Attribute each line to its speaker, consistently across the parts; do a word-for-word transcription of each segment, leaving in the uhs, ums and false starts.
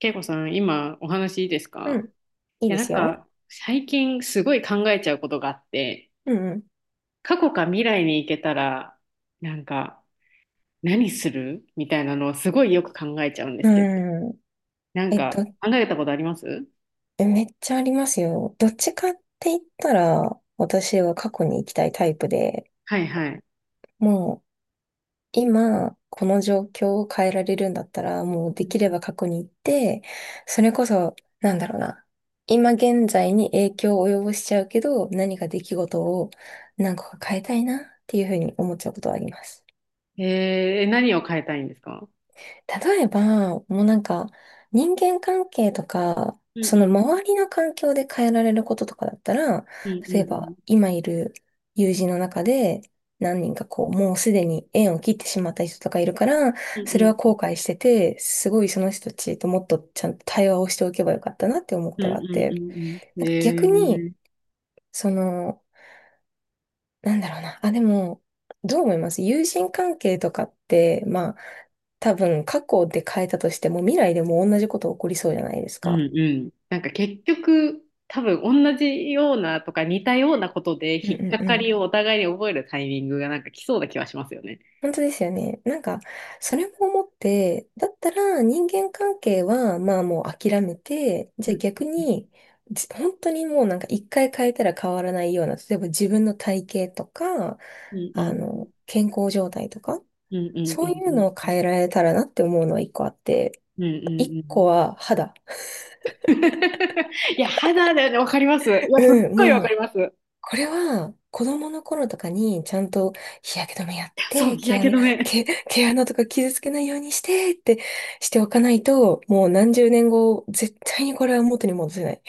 Speaker 1: 恵子さん、今お話いいです
Speaker 2: う
Speaker 1: か？
Speaker 2: ん。いい
Speaker 1: いや、
Speaker 2: で
Speaker 1: なん
Speaker 2: すよ。
Speaker 1: か最近すごい考えちゃうことがあって、
Speaker 2: うん
Speaker 1: 過去か未来に行けたら、なんか何するみたいなのをすごいよく考えちゃうんで
Speaker 2: う
Speaker 1: すけど、
Speaker 2: ん。うん。
Speaker 1: なん
Speaker 2: え、
Speaker 1: か
Speaker 2: と
Speaker 1: 考えたことあります？
Speaker 2: めっちゃありますよ。どっちかって言ったら、私は過去に行きたいタイプで、
Speaker 1: はいはい。
Speaker 2: もう今、この状況を変えられるんだったら、もう
Speaker 1: う
Speaker 2: できれ
Speaker 1: ん。
Speaker 2: ば過去に行って、それこそ、なんだろうな。今現在に影響を及ぼしちゃうけど、何か出来事を何個か変えたいなっていうふうに思っちゃうことはあります。
Speaker 1: えー、何を変えたいんですか？
Speaker 2: 例えば、もうなんか、人間関係とか、
Speaker 1: うん
Speaker 2: そ
Speaker 1: う
Speaker 2: の
Speaker 1: ん
Speaker 2: 周りの環境で変えられることとかだったら、
Speaker 1: うんう
Speaker 2: 例えば、
Speaker 1: ん
Speaker 2: 今いる友人の中で、何人かこう、もうすでに縁を切ってしまった人とかいるから、
Speaker 1: う
Speaker 2: それは
Speaker 1: んうん
Speaker 2: 後悔してて、すごいその人たちともっとちゃんと対話をしておけばよかったなって思うこ
Speaker 1: うん
Speaker 2: と
Speaker 1: う
Speaker 2: があっ
Speaker 1: ん
Speaker 2: て、
Speaker 1: うんうんう
Speaker 2: な
Speaker 1: ん。
Speaker 2: んか
Speaker 1: え
Speaker 2: 逆に、
Speaker 1: ー。
Speaker 2: その、なんだろうな。あ、でも、どう思います？友人関係とかって、まあ、多分過去で変えたとしても未来でも同じこと起こりそうじゃないです
Speaker 1: う
Speaker 2: か。
Speaker 1: んうん。なんか結局、多分同じようなとか似たようなことで
Speaker 2: うん
Speaker 1: 引っ
Speaker 2: う
Speaker 1: か
Speaker 2: んう
Speaker 1: か
Speaker 2: ん。
Speaker 1: りをお互いに覚えるタイミングがなんか来そうな気はしますよね。
Speaker 2: 本当ですよね。なんか、それも思って、だったら人間関係は、まあもう諦めて、じ
Speaker 1: う
Speaker 2: ゃあ
Speaker 1: ん
Speaker 2: 逆に、じ本当にもうなんか一回変えたら変わらないような、例えば自分の体型とか、
Speaker 1: うん
Speaker 2: あ
Speaker 1: うん
Speaker 2: の、健康状態とか、
Speaker 1: うんうんう
Speaker 2: そういうの
Speaker 1: ん
Speaker 2: を
Speaker 1: うん
Speaker 2: 変えられたらなって思うのは一個あって、
Speaker 1: うんう
Speaker 2: 一
Speaker 1: んうん。
Speaker 2: 個は肌。
Speaker 1: いや、肌だよね、わかります。いや、すっ
Speaker 2: うん、
Speaker 1: ごいわか
Speaker 2: も
Speaker 1: り
Speaker 2: う、
Speaker 1: ます。い
Speaker 2: これは子供の頃とかにちゃんと日焼け止めやっ
Speaker 1: やそう、
Speaker 2: て、
Speaker 1: 日
Speaker 2: 毛
Speaker 1: 焼け
Speaker 2: 穴、
Speaker 1: 止め。
Speaker 2: 毛、毛穴とか傷つけないようにしてってしておかないと、もう何十年後、絶対にこれは元に戻せない。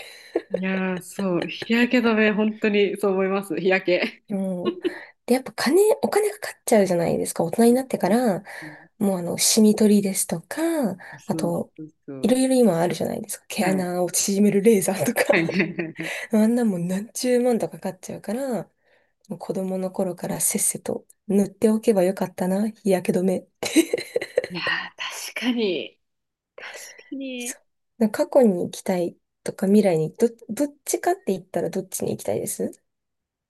Speaker 1: いやー、そう、日焼け止め、本当にそう思います、日焼け。
Speaker 2: もう、で、やっぱ金、お金かかっちゃうじゃないですか。大人になって
Speaker 1: う
Speaker 2: か
Speaker 1: ん。
Speaker 2: ら、
Speaker 1: うん。
Speaker 2: もうあの、シミ取りですとか、あ
Speaker 1: そう
Speaker 2: と、
Speaker 1: そうそ
Speaker 2: いろ
Speaker 1: う。
Speaker 2: いろ今あるじゃないですか。毛
Speaker 1: はい。
Speaker 2: 穴を縮めるレーザーとか。
Speaker 1: はいはいはいはい。
Speaker 2: あんなもん何十万とかかかっちゃうから、子供の頃からせっせと塗っておけばよかったな、日焼け止め。
Speaker 1: いやー、確かに、確かに。
Speaker 2: そうなんか過去に行きたいとか未来にど、どっちかって言ったらどっちに行きたいです？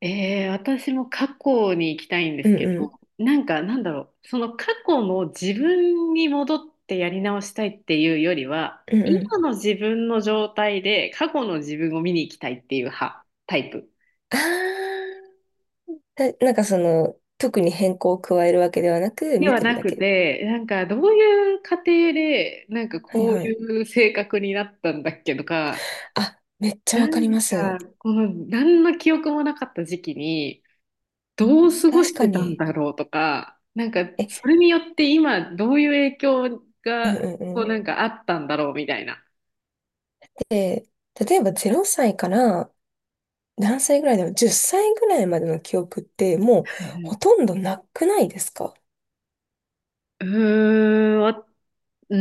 Speaker 1: えー、私も過去に行きたいんで
Speaker 2: う
Speaker 1: す
Speaker 2: ん
Speaker 1: け
Speaker 2: う
Speaker 1: ど、
Speaker 2: ん。
Speaker 1: なんかなんだろう、その過去の自分に戻ってやり直したいっていうよりは、
Speaker 2: うんう
Speaker 1: 今
Speaker 2: ん。
Speaker 1: の自分の状態で過去の自分を見に行きたいっていう派、タイプ
Speaker 2: ああ、だなんかその、特に変更を加えるわけではなく、
Speaker 1: で
Speaker 2: 見
Speaker 1: は
Speaker 2: てる
Speaker 1: な
Speaker 2: だ
Speaker 1: く
Speaker 2: け。
Speaker 1: て、なんかどういう過程で、なんか
Speaker 2: はい
Speaker 1: こう
Speaker 2: はい。
Speaker 1: いう性格になったんだっけとか、
Speaker 2: あ、めっちゃわかります。
Speaker 1: な
Speaker 2: う
Speaker 1: んかこの何の記憶もなかった時期に、どう
Speaker 2: ん、
Speaker 1: 過ご
Speaker 2: 確
Speaker 1: し
Speaker 2: か
Speaker 1: てたん
Speaker 2: に。
Speaker 1: だろうとか、なんか
Speaker 2: え、
Speaker 1: それによって今どういう影響
Speaker 2: うん
Speaker 1: が
Speaker 2: うん
Speaker 1: こ
Speaker 2: う
Speaker 1: う
Speaker 2: ん。
Speaker 1: なんかあったんだろうみたいな。
Speaker 2: で、例えばぜろさいから何歳ぐらいだろう？ じゅう 歳ぐらいまでの記憶ってもう
Speaker 1: はいはい。
Speaker 2: ほとんどなくないですか？
Speaker 1: うーん、わう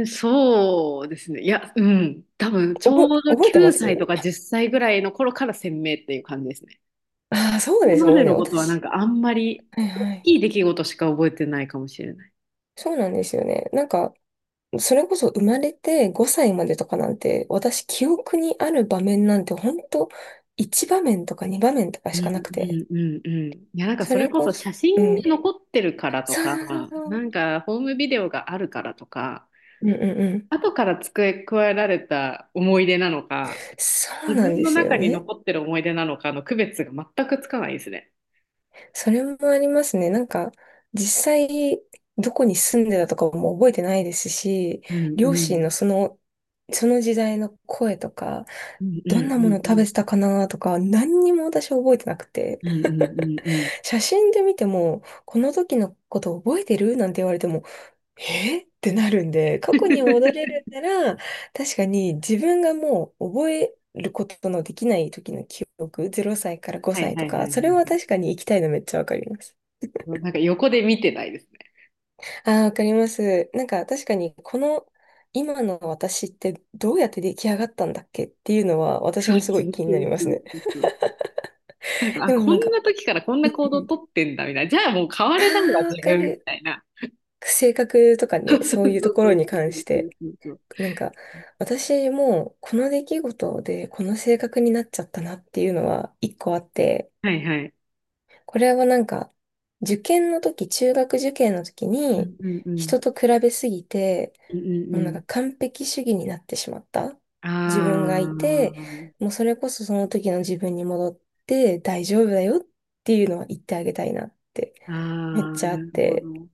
Speaker 1: ーん、そうですね。いや、うん、多分ちょう
Speaker 2: 覚え、
Speaker 1: ど
Speaker 2: 覚えてま
Speaker 1: きゅうさい
Speaker 2: す？
Speaker 1: とかじゅっさいぐらいの頃から鮮明っていう感じですね。
Speaker 2: ああ、そう
Speaker 1: それ
Speaker 2: です。
Speaker 1: ま
Speaker 2: もう
Speaker 1: で
Speaker 2: ね、
Speaker 1: のことはなん
Speaker 2: 私。
Speaker 1: かあんまり
Speaker 2: はい
Speaker 1: 大
Speaker 2: はい。
Speaker 1: きい出来事しか覚えてないかもしれない。
Speaker 2: そうなんですよね。なんか、それこそ生まれてごさいまでとかなんて、私記憶にある場面なんて本当いち場面とかに場面とか
Speaker 1: うん
Speaker 2: し
Speaker 1: う
Speaker 2: かなくて。
Speaker 1: んうんうん。いや、なんか
Speaker 2: そ
Speaker 1: それ
Speaker 2: れ
Speaker 1: こ
Speaker 2: こ
Speaker 1: そ
Speaker 2: そ、
Speaker 1: 写
Speaker 2: う
Speaker 1: 真が
Speaker 2: ん。
Speaker 1: 残ってるからと
Speaker 2: そう
Speaker 1: か、
Speaker 2: そうそうそ
Speaker 1: な
Speaker 2: う。
Speaker 1: んかホームビデオがあるからとか、
Speaker 2: うんうんうん。
Speaker 1: 後から付け加えられた思い出なのか、
Speaker 2: そう
Speaker 1: 自
Speaker 2: なん
Speaker 1: 分
Speaker 2: で
Speaker 1: の
Speaker 2: すよ
Speaker 1: 中に
Speaker 2: ね。
Speaker 1: 残ってる思い出なのかの区別が全くつかないですね。
Speaker 2: それもありますね。なんか、実際、どこに住んでたとかも覚えてないですし、
Speaker 1: うん
Speaker 2: 両
Speaker 1: う
Speaker 2: 親
Speaker 1: ん
Speaker 2: のその、その時代の声とか、
Speaker 1: うんう
Speaker 2: どんなもの
Speaker 1: ん
Speaker 2: 食
Speaker 1: う
Speaker 2: べ
Speaker 1: ん
Speaker 2: てたかなとか、何にも私覚えてなくて、
Speaker 1: うんうんうんうん。
Speaker 2: 写真で見ても、この時のこと覚えてるなんて言われても、えってなるんで、過去に戻れ るなら、確かに自分がもう覚えることのできない時の記憶、ぜろさいから
Speaker 1: は
Speaker 2: 5
Speaker 1: い
Speaker 2: 歳
Speaker 1: は
Speaker 2: と
Speaker 1: いは
Speaker 2: か、
Speaker 1: い
Speaker 2: それは
Speaker 1: は
Speaker 2: 確かに行きたいのめっちゃわかります。
Speaker 1: い。なんか横で見てないですね。
Speaker 2: ああ、わかります。なんか確かにこの今の私ってどうやって出来上がったんだっけっていうのは私
Speaker 1: そう
Speaker 2: もすご
Speaker 1: そ
Speaker 2: い
Speaker 1: う
Speaker 2: 気に
Speaker 1: そ
Speaker 2: なり
Speaker 1: う
Speaker 2: ま
Speaker 1: そ
Speaker 2: す
Speaker 1: う
Speaker 2: ね。
Speaker 1: そうそう。なんか、あ、
Speaker 2: でも
Speaker 1: こ
Speaker 2: なん
Speaker 1: ん
Speaker 2: か、
Speaker 1: な時からこん
Speaker 2: う
Speaker 1: な
Speaker 2: ん
Speaker 1: 行動
Speaker 2: う
Speaker 1: を
Speaker 2: ん。
Speaker 1: とってんだみたいな。じゃあもう変わ
Speaker 2: あ
Speaker 1: れないわ、
Speaker 2: あ、わ
Speaker 1: 自
Speaker 2: か
Speaker 1: 分み
Speaker 2: る。
Speaker 1: たいな。
Speaker 2: 性格とか
Speaker 1: そ
Speaker 2: ね、
Speaker 1: うそう
Speaker 2: そういうとこ
Speaker 1: そ
Speaker 2: ろ
Speaker 1: う
Speaker 2: に
Speaker 1: そ
Speaker 2: 関し
Speaker 1: うそ
Speaker 2: て、
Speaker 1: うそうそう。
Speaker 2: なんか私もこの出来事でこの性格になっちゃったなっていうのは一個あって、
Speaker 1: はいはい。
Speaker 2: これはなんか、受験の時、中学受験の時
Speaker 1: う
Speaker 2: に、
Speaker 1: んうんうん。
Speaker 2: 人と比べすぎて、
Speaker 1: うんうんう
Speaker 2: もうなん
Speaker 1: ん。
Speaker 2: か完璧主義になってしまった
Speaker 1: あ
Speaker 2: 自分がいて、もうそれこそその時の自分に戻って大丈夫だよっていうのは言ってあげたいなって
Speaker 1: あ、あ
Speaker 2: めっ
Speaker 1: あ、
Speaker 2: ちゃあ
Speaker 1: な
Speaker 2: っ
Speaker 1: るほ
Speaker 2: て、
Speaker 1: ど。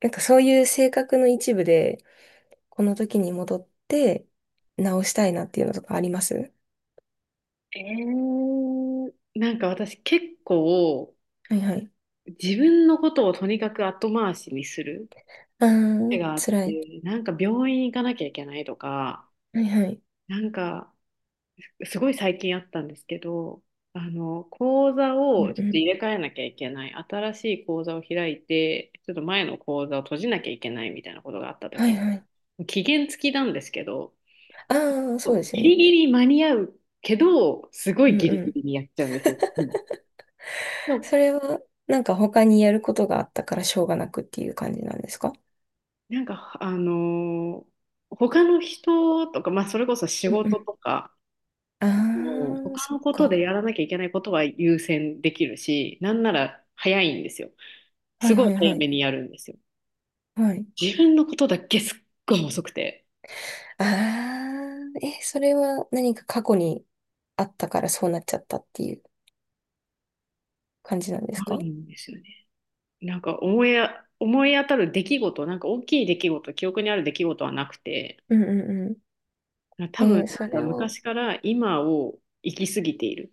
Speaker 2: なんかそういう性格の一部で、この時に戻って直したいなっていうのとかあります？
Speaker 1: えー、なんか私結構
Speaker 2: はいはい。
Speaker 1: 自分のことをとにかく後回しにする
Speaker 2: あ
Speaker 1: 癖
Speaker 2: ー、
Speaker 1: があっ
Speaker 2: 辛い。
Speaker 1: て、なんか病院行かなきゃいけないとか、
Speaker 2: はいはい。
Speaker 1: なんかすごい最近あったんですけど、あの、講座
Speaker 2: うん
Speaker 1: をち
Speaker 2: う
Speaker 1: ょっと
Speaker 2: ん。
Speaker 1: 入れ替えなきゃいけない、新しい講座を開いて、ちょっと前の講座を閉じなきゃいけないみたいなことがあった
Speaker 2: は
Speaker 1: 時
Speaker 2: いはい。
Speaker 1: に、期限付きなんですけど、
Speaker 2: あー、そうです
Speaker 1: ギ
Speaker 2: よ
Speaker 1: リ
Speaker 2: ね。
Speaker 1: ギリ間に合うけど、すご
Speaker 2: う
Speaker 1: い
Speaker 2: ん
Speaker 1: ギリ
Speaker 2: う
Speaker 1: ギ
Speaker 2: ん。
Speaker 1: リにやっちゃうんですよ。いつも。でも、
Speaker 2: それは、なんか他にやることがあったからしょうがなくっていう感じなんですか？
Speaker 1: なんか、あのー他の人とか、まあ、それこそ仕
Speaker 2: うんう
Speaker 1: 事
Speaker 2: ん。
Speaker 1: とか、
Speaker 2: あ
Speaker 1: もう
Speaker 2: あ、
Speaker 1: 他
Speaker 2: そっ
Speaker 1: のこと
Speaker 2: か。
Speaker 1: でやらなきゃいけないことは優先できるし、なんなら早いんですよ。
Speaker 2: は
Speaker 1: す
Speaker 2: い
Speaker 1: ご
Speaker 2: は
Speaker 1: い
Speaker 2: いは
Speaker 1: 早め
Speaker 2: い。
Speaker 1: にやるんですよ。
Speaker 2: はい。
Speaker 1: 自分のことだけすっごい遅くて、
Speaker 2: ああ、え、それは何か過去にあったからそうなっちゃったっていう感じなんです
Speaker 1: 悪い
Speaker 2: か？
Speaker 1: んですよね。なんか思いあ、思い当たる出来事、なんか大きい出来事、記憶にある出来事はなくて、
Speaker 2: うんうんうん。
Speaker 1: 多
Speaker 2: え
Speaker 1: 分
Speaker 2: ーそ
Speaker 1: なんか
Speaker 2: れを、
Speaker 1: 昔から今を生きすぎている。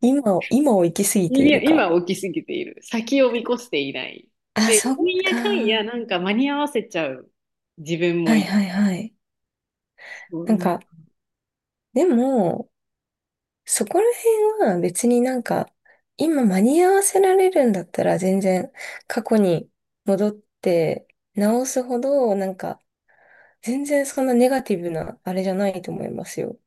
Speaker 2: 今を、今を生きすぎているか。
Speaker 1: 今を生きすぎている。先を見越していない。
Speaker 2: あ、
Speaker 1: で、
Speaker 2: そっ
Speaker 1: なん
Speaker 2: か。
Speaker 1: やかんや
Speaker 2: は
Speaker 1: なんか間に合わせちゃう自分
Speaker 2: い
Speaker 1: もいる。
Speaker 2: はいはい。
Speaker 1: そう
Speaker 2: なん
Speaker 1: なんか。
Speaker 2: か、でも、そこら辺は別になんか、今間に合わせられるんだったら全然過去に戻って直すほど、なんか全然そんなネガティブなあれじゃないと思いますよ。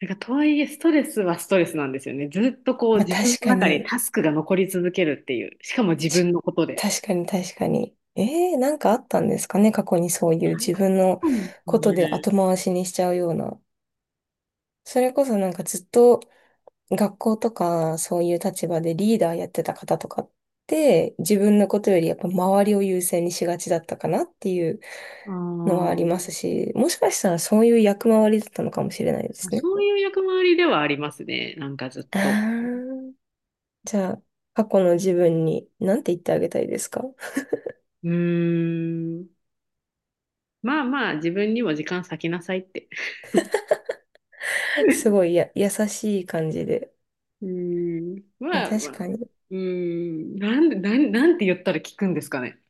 Speaker 1: なんかとはいえ、ストレスはストレスなんですよね。ずっとこう
Speaker 2: まあ
Speaker 1: 自分
Speaker 2: 確
Speaker 1: の
Speaker 2: か
Speaker 1: 中に
Speaker 2: に、
Speaker 1: タスクが残り続けるっていう。しかも自
Speaker 2: ち
Speaker 1: 分のことで。
Speaker 2: 確かに確かに。えー、なんかあったんですかね過去にそうい
Speaker 1: 大
Speaker 2: う
Speaker 1: 変
Speaker 2: 自分の
Speaker 1: なんです
Speaker 2: ことで後
Speaker 1: ね。
Speaker 2: 回しにしちゃうような。それこそなんかずっと学校とかそういう立場でリーダーやってた方とかって自分のことよりやっぱ周りを優先にしがちだったかなっていうのはあ
Speaker 1: あ
Speaker 2: りますし、もしかしたらそういう役回りだったのかもしれないで
Speaker 1: あ、
Speaker 2: すね。
Speaker 1: そういう役回りではありますね。なんかずっ
Speaker 2: あ
Speaker 1: と。
Speaker 2: ー、じゃあ、過去の自分に何て言ってあげたいですか？
Speaker 1: うーん。まあまあ、自分にも時間割きなさいって。
Speaker 2: す ごいや優しい感じで。
Speaker 1: うーん。まあま
Speaker 2: 確
Speaker 1: あ。
Speaker 2: か
Speaker 1: う
Speaker 2: に。
Speaker 1: ーん。なんで、なん、なんて言ったら聞くんですかね。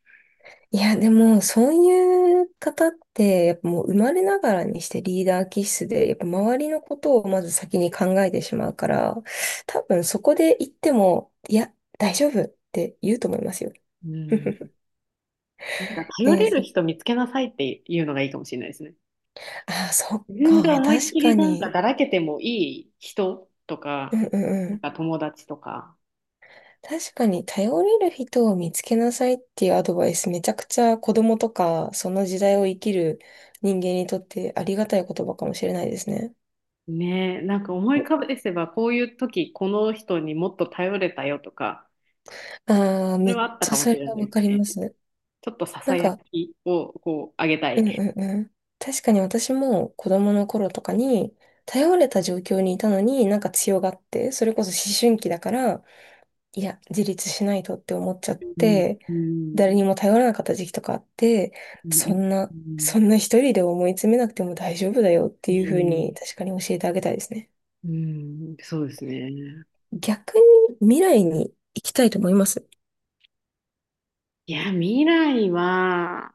Speaker 2: いや、でも、そういう方って、やっぱもう生まれながらにしてリーダー気質で、やっぱ周りのことをまず先に考えてしまうから、多分そこで言っても、いや、大丈夫って言うと思いますよ。
Speaker 1: うん。なんか頼
Speaker 2: えー、
Speaker 1: れる
Speaker 2: そ、
Speaker 1: 人見つけなさいっていうのがいいかもしれないですね。
Speaker 2: あー、そっ
Speaker 1: 自分が
Speaker 2: か、
Speaker 1: 思いっ
Speaker 2: 確
Speaker 1: きり
Speaker 2: か
Speaker 1: なんか
Speaker 2: に。
Speaker 1: だらけてもいい人と
Speaker 2: う
Speaker 1: か、
Speaker 2: んうんう
Speaker 1: なん
Speaker 2: ん。
Speaker 1: か友達とか、
Speaker 2: 確かに、頼れる人を見つけなさいっていうアドバイス、めちゃくちゃ子供とか、その時代を生きる人間にとってありがたい言葉かもしれないですね。
Speaker 1: ねえ、なんか思い浮か返せば、こういう時、この人にもっと頼れたよとか、
Speaker 2: ああ、
Speaker 1: そ
Speaker 2: め
Speaker 1: れ
Speaker 2: っ
Speaker 1: はあった
Speaker 2: ち
Speaker 1: か
Speaker 2: ゃ
Speaker 1: も
Speaker 2: そ
Speaker 1: し
Speaker 2: れ
Speaker 1: れ
Speaker 2: は
Speaker 1: ない
Speaker 2: わ
Speaker 1: です
Speaker 2: かりま
Speaker 1: ね。
Speaker 2: す。
Speaker 1: ちょっとさ
Speaker 2: な
Speaker 1: さ
Speaker 2: ん
Speaker 1: や
Speaker 2: か、
Speaker 1: きをこう、あげた
Speaker 2: うん
Speaker 1: い。
Speaker 2: うんうん。確かに私も子供の頃とかに、頼れた状況にいたのになんか強がって、それこそ思春期だから、いや、自立しないとって思っちゃっ
Speaker 1: うん、
Speaker 2: て、
Speaker 1: う
Speaker 2: 誰
Speaker 1: ん、
Speaker 2: にも頼らなかった時期とかあって、
Speaker 1: う
Speaker 2: そ
Speaker 1: ん、
Speaker 2: んな、
Speaker 1: うん、
Speaker 2: そんな一人で思い詰めなくても大丈夫だよって
Speaker 1: う
Speaker 2: いう風に
Speaker 1: ん、
Speaker 2: 確かに教えてあげたいですね。
Speaker 1: うん、そうですね。
Speaker 2: 逆に未来に行きたいと思います？
Speaker 1: いや、未来は、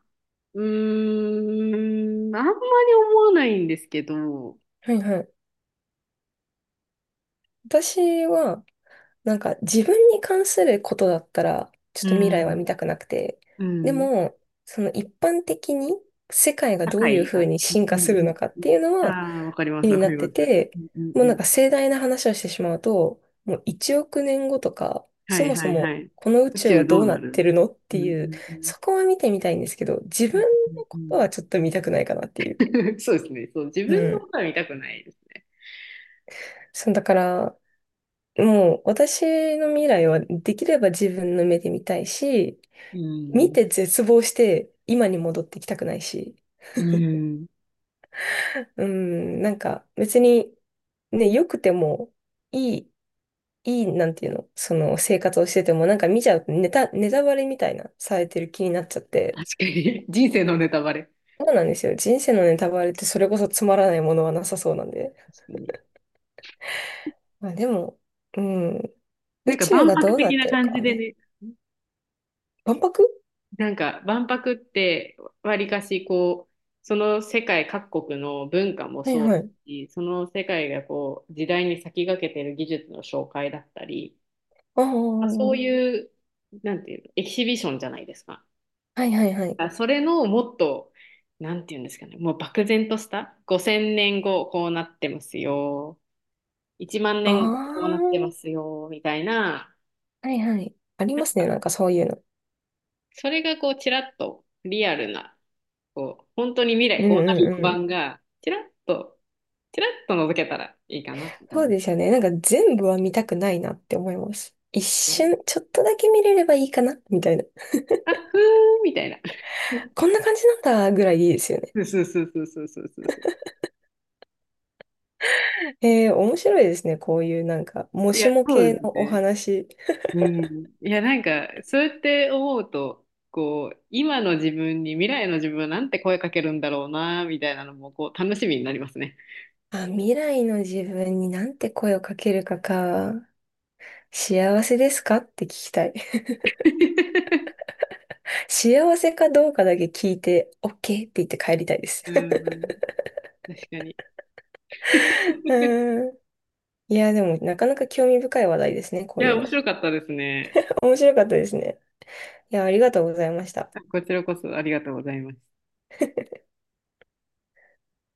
Speaker 1: うーん、あんまり思わないんですけど、
Speaker 2: はいはい。私は、なんか自分に関することだったら、ちょっ
Speaker 1: う
Speaker 2: と未来は
Speaker 1: ん、
Speaker 2: 見たくなくて。
Speaker 1: う
Speaker 2: で
Speaker 1: ん、うん、
Speaker 2: も、その一般的に世界がどういうふうに進
Speaker 1: う
Speaker 2: 化する
Speaker 1: ん、
Speaker 2: のかっていうのは
Speaker 1: ああ、わかりま
Speaker 2: 気
Speaker 1: す、
Speaker 2: に
Speaker 1: わ
Speaker 2: な
Speaker 1: かり
Speaker 2: って
Speaker 1: ます。
Speaker 2: て、
Speaker 1: うん、うん、
Speaker 2: も
Speaker 1: う
Speaker 2: うなん
Speaker 1: ん、
Speaker 2: か盛大な話をしてしまうと、もういちおく年後とか、
Speaker 1: は
Speaker 2: そ
Speaker 1: い
Speaker 2: もそ
Speaker 1: はいは
Speaker 2: も
Speaker 1: い。
Speaker 2: この宇
Speaker 1: 宇
Speaker 2: 宙は
Speaker 1: 宙ど
Speaker 2: ど
Speaker 1: う
Speaker 2: うな
Speaker 1: な
Speaker 2: って
Speaker 1: る？
Speaker 2: るのっ
Speaker 1: う
Speaker 2: て
Speaker 1: ん
Speaker 2: い
Speaker 1: う
Speaker 2: う、
Speaker 1: んうん
Speaker 2: そこは見てみたいんですけど、自
Speaker 1: う
Speaker 2: 分
Speaker 1: ん
Speaker 2: の
Speaker 1: う
Speaker 2: こと
Speaker 1: ん
Speaker 2: はちょっと見たくないかなっていう。
Speaker 1: うん。 そうですね。そう、自
Speaker 2: う
Speaker 1: 分のこ
Speaker 2: ん。
Speaker 1: とは見たくないです。
Speaker 2: そう、だから、もう私の未来はできれば自分の目で見たいし、
Speaker 1: う
Speaker 2: 見
Speaker 1: ん。
Speaker 2: て絶望して、今に戻ってきたくないし、
Speaker 1: うん。
Speaker 2: うん、なんか別に、ね、良くても、いい、いい、なんていうの、その生活をしてても、なんか見ちゃうとネタ、ネタバレみたいな、されてる気になっちゃって、
Speaker 1: 確かに。人生のネタバレ。
Speaker 2: そうなんですよ。人生のネタバレってそれこそつまらないものはなさそうなんで。
Speaker 1: 確かに。
Speaker 2: まあでも、うん、
Speaker 1: な
Speaker 2: 宇
Speaker 1: んか
Speaker 2: 宙
Speaker 1: 万
Speaker 2: がど
Speaker 1: 博
Speaker 2: うな
Speaker 1: 的
Speaker 2: っ
Speaker 1: な
Speaker 2: てるか
Speaker 1: 感じ
Speaker 2: は
Speaker 1: で
Speaker 2: ね。
Speaker 1: ね。
Speaker 2: 万博？
Speaker 1: なんか万博ってわりかしこう、その世界各国の文化も
Speaker 2: はい
Speaker 1: そう
Speaker 2: は
Speaker 1: だ
Speaker 2: い。
Speaker 1: し、その世界がこう、時代に先駆けてる技術の紹介だったり、
Speaker 2: ああ、
Speaker 1: まあ、そう
Speaker 2: は
Speaker 1: いう、なんていうの、エキシビションじゃないですか。
Speaker 2: いはいはい。
Speaker 1: あそれのもっと、なんていうんですかね、もう漠然とした、ごせんねんごこうなってますよ、いちまん
Speaker 2: あ
Speaker 1: 年後こうな
Speaker 2: あ、
Speaker 1: ってますよ、みたいな、
Speaker 2: はいはい。あり
Speaker 1: なん
Speaker 2: ますね、な
Speaker 1: か、
Speaker 2: んかそういうの。
Speaker 1: それがこう、ちらっとリアルな、こう、本当に未
Speaker 2: う
Speaker 1: 来こ
Speaker 2: ん
Speaker 1: うなる予
Speaker 2: う
Speaker 1: 感
Speaker 2: ん、
Speaker 1: が、ちらっと、ちらっと覗けたらいいかなって感
Speaker 2: そ
Speaker 1: じ
Speaker 2: う
Speaker 1: です。
Speaker 2: ですよね。なんか全部は見たくないなって思います。一瞬、ちょっとだけ見れればいいかなみたいな。
Speaker 1: あ、ふーんみたいな。
Speaker 2: こんな感じなんだぐらいでいいですよね。
Speaker 1: そうそうそうそうそうそうそう。
Speaker 2: えー、面白いですね。こういうなんか、も
Speaker 1: い
Speaker 2: し
Speaker 1: や、
Speaker 2: も
Speaker 1: そう
Speaker 2: 系
Speaker 1: です
Speaker 2: のお
Speaker 1: ね。
Speaker 2: 話。
Speaker 1: うん、いや、なんか、そうやって思うと、こう、今の自分に未来の自分はなんて声かけるんだろうな、みたいなのも、こう、楽しみになりますね。
Speaker 2: あ、未来の自分になんて声をかけるかか。幸せですかって聞きたい。幸せかどうかだけ聞いて、オーケー って言って帰りたいです。
Speaker 1: うん、確かに。い
Speaker 2: うーん。いや、でもなかなか興味深い話題ですね。こうい
Speaker 1: や、
Speaker 2: う
Speaker 1: 面
Speaker 2: の。
Speaker 1: 白かったですね。
Speaker 2: 面白かったですね。いや、ありがとうございました。
Speaker 1: こちらこそありがとうございます。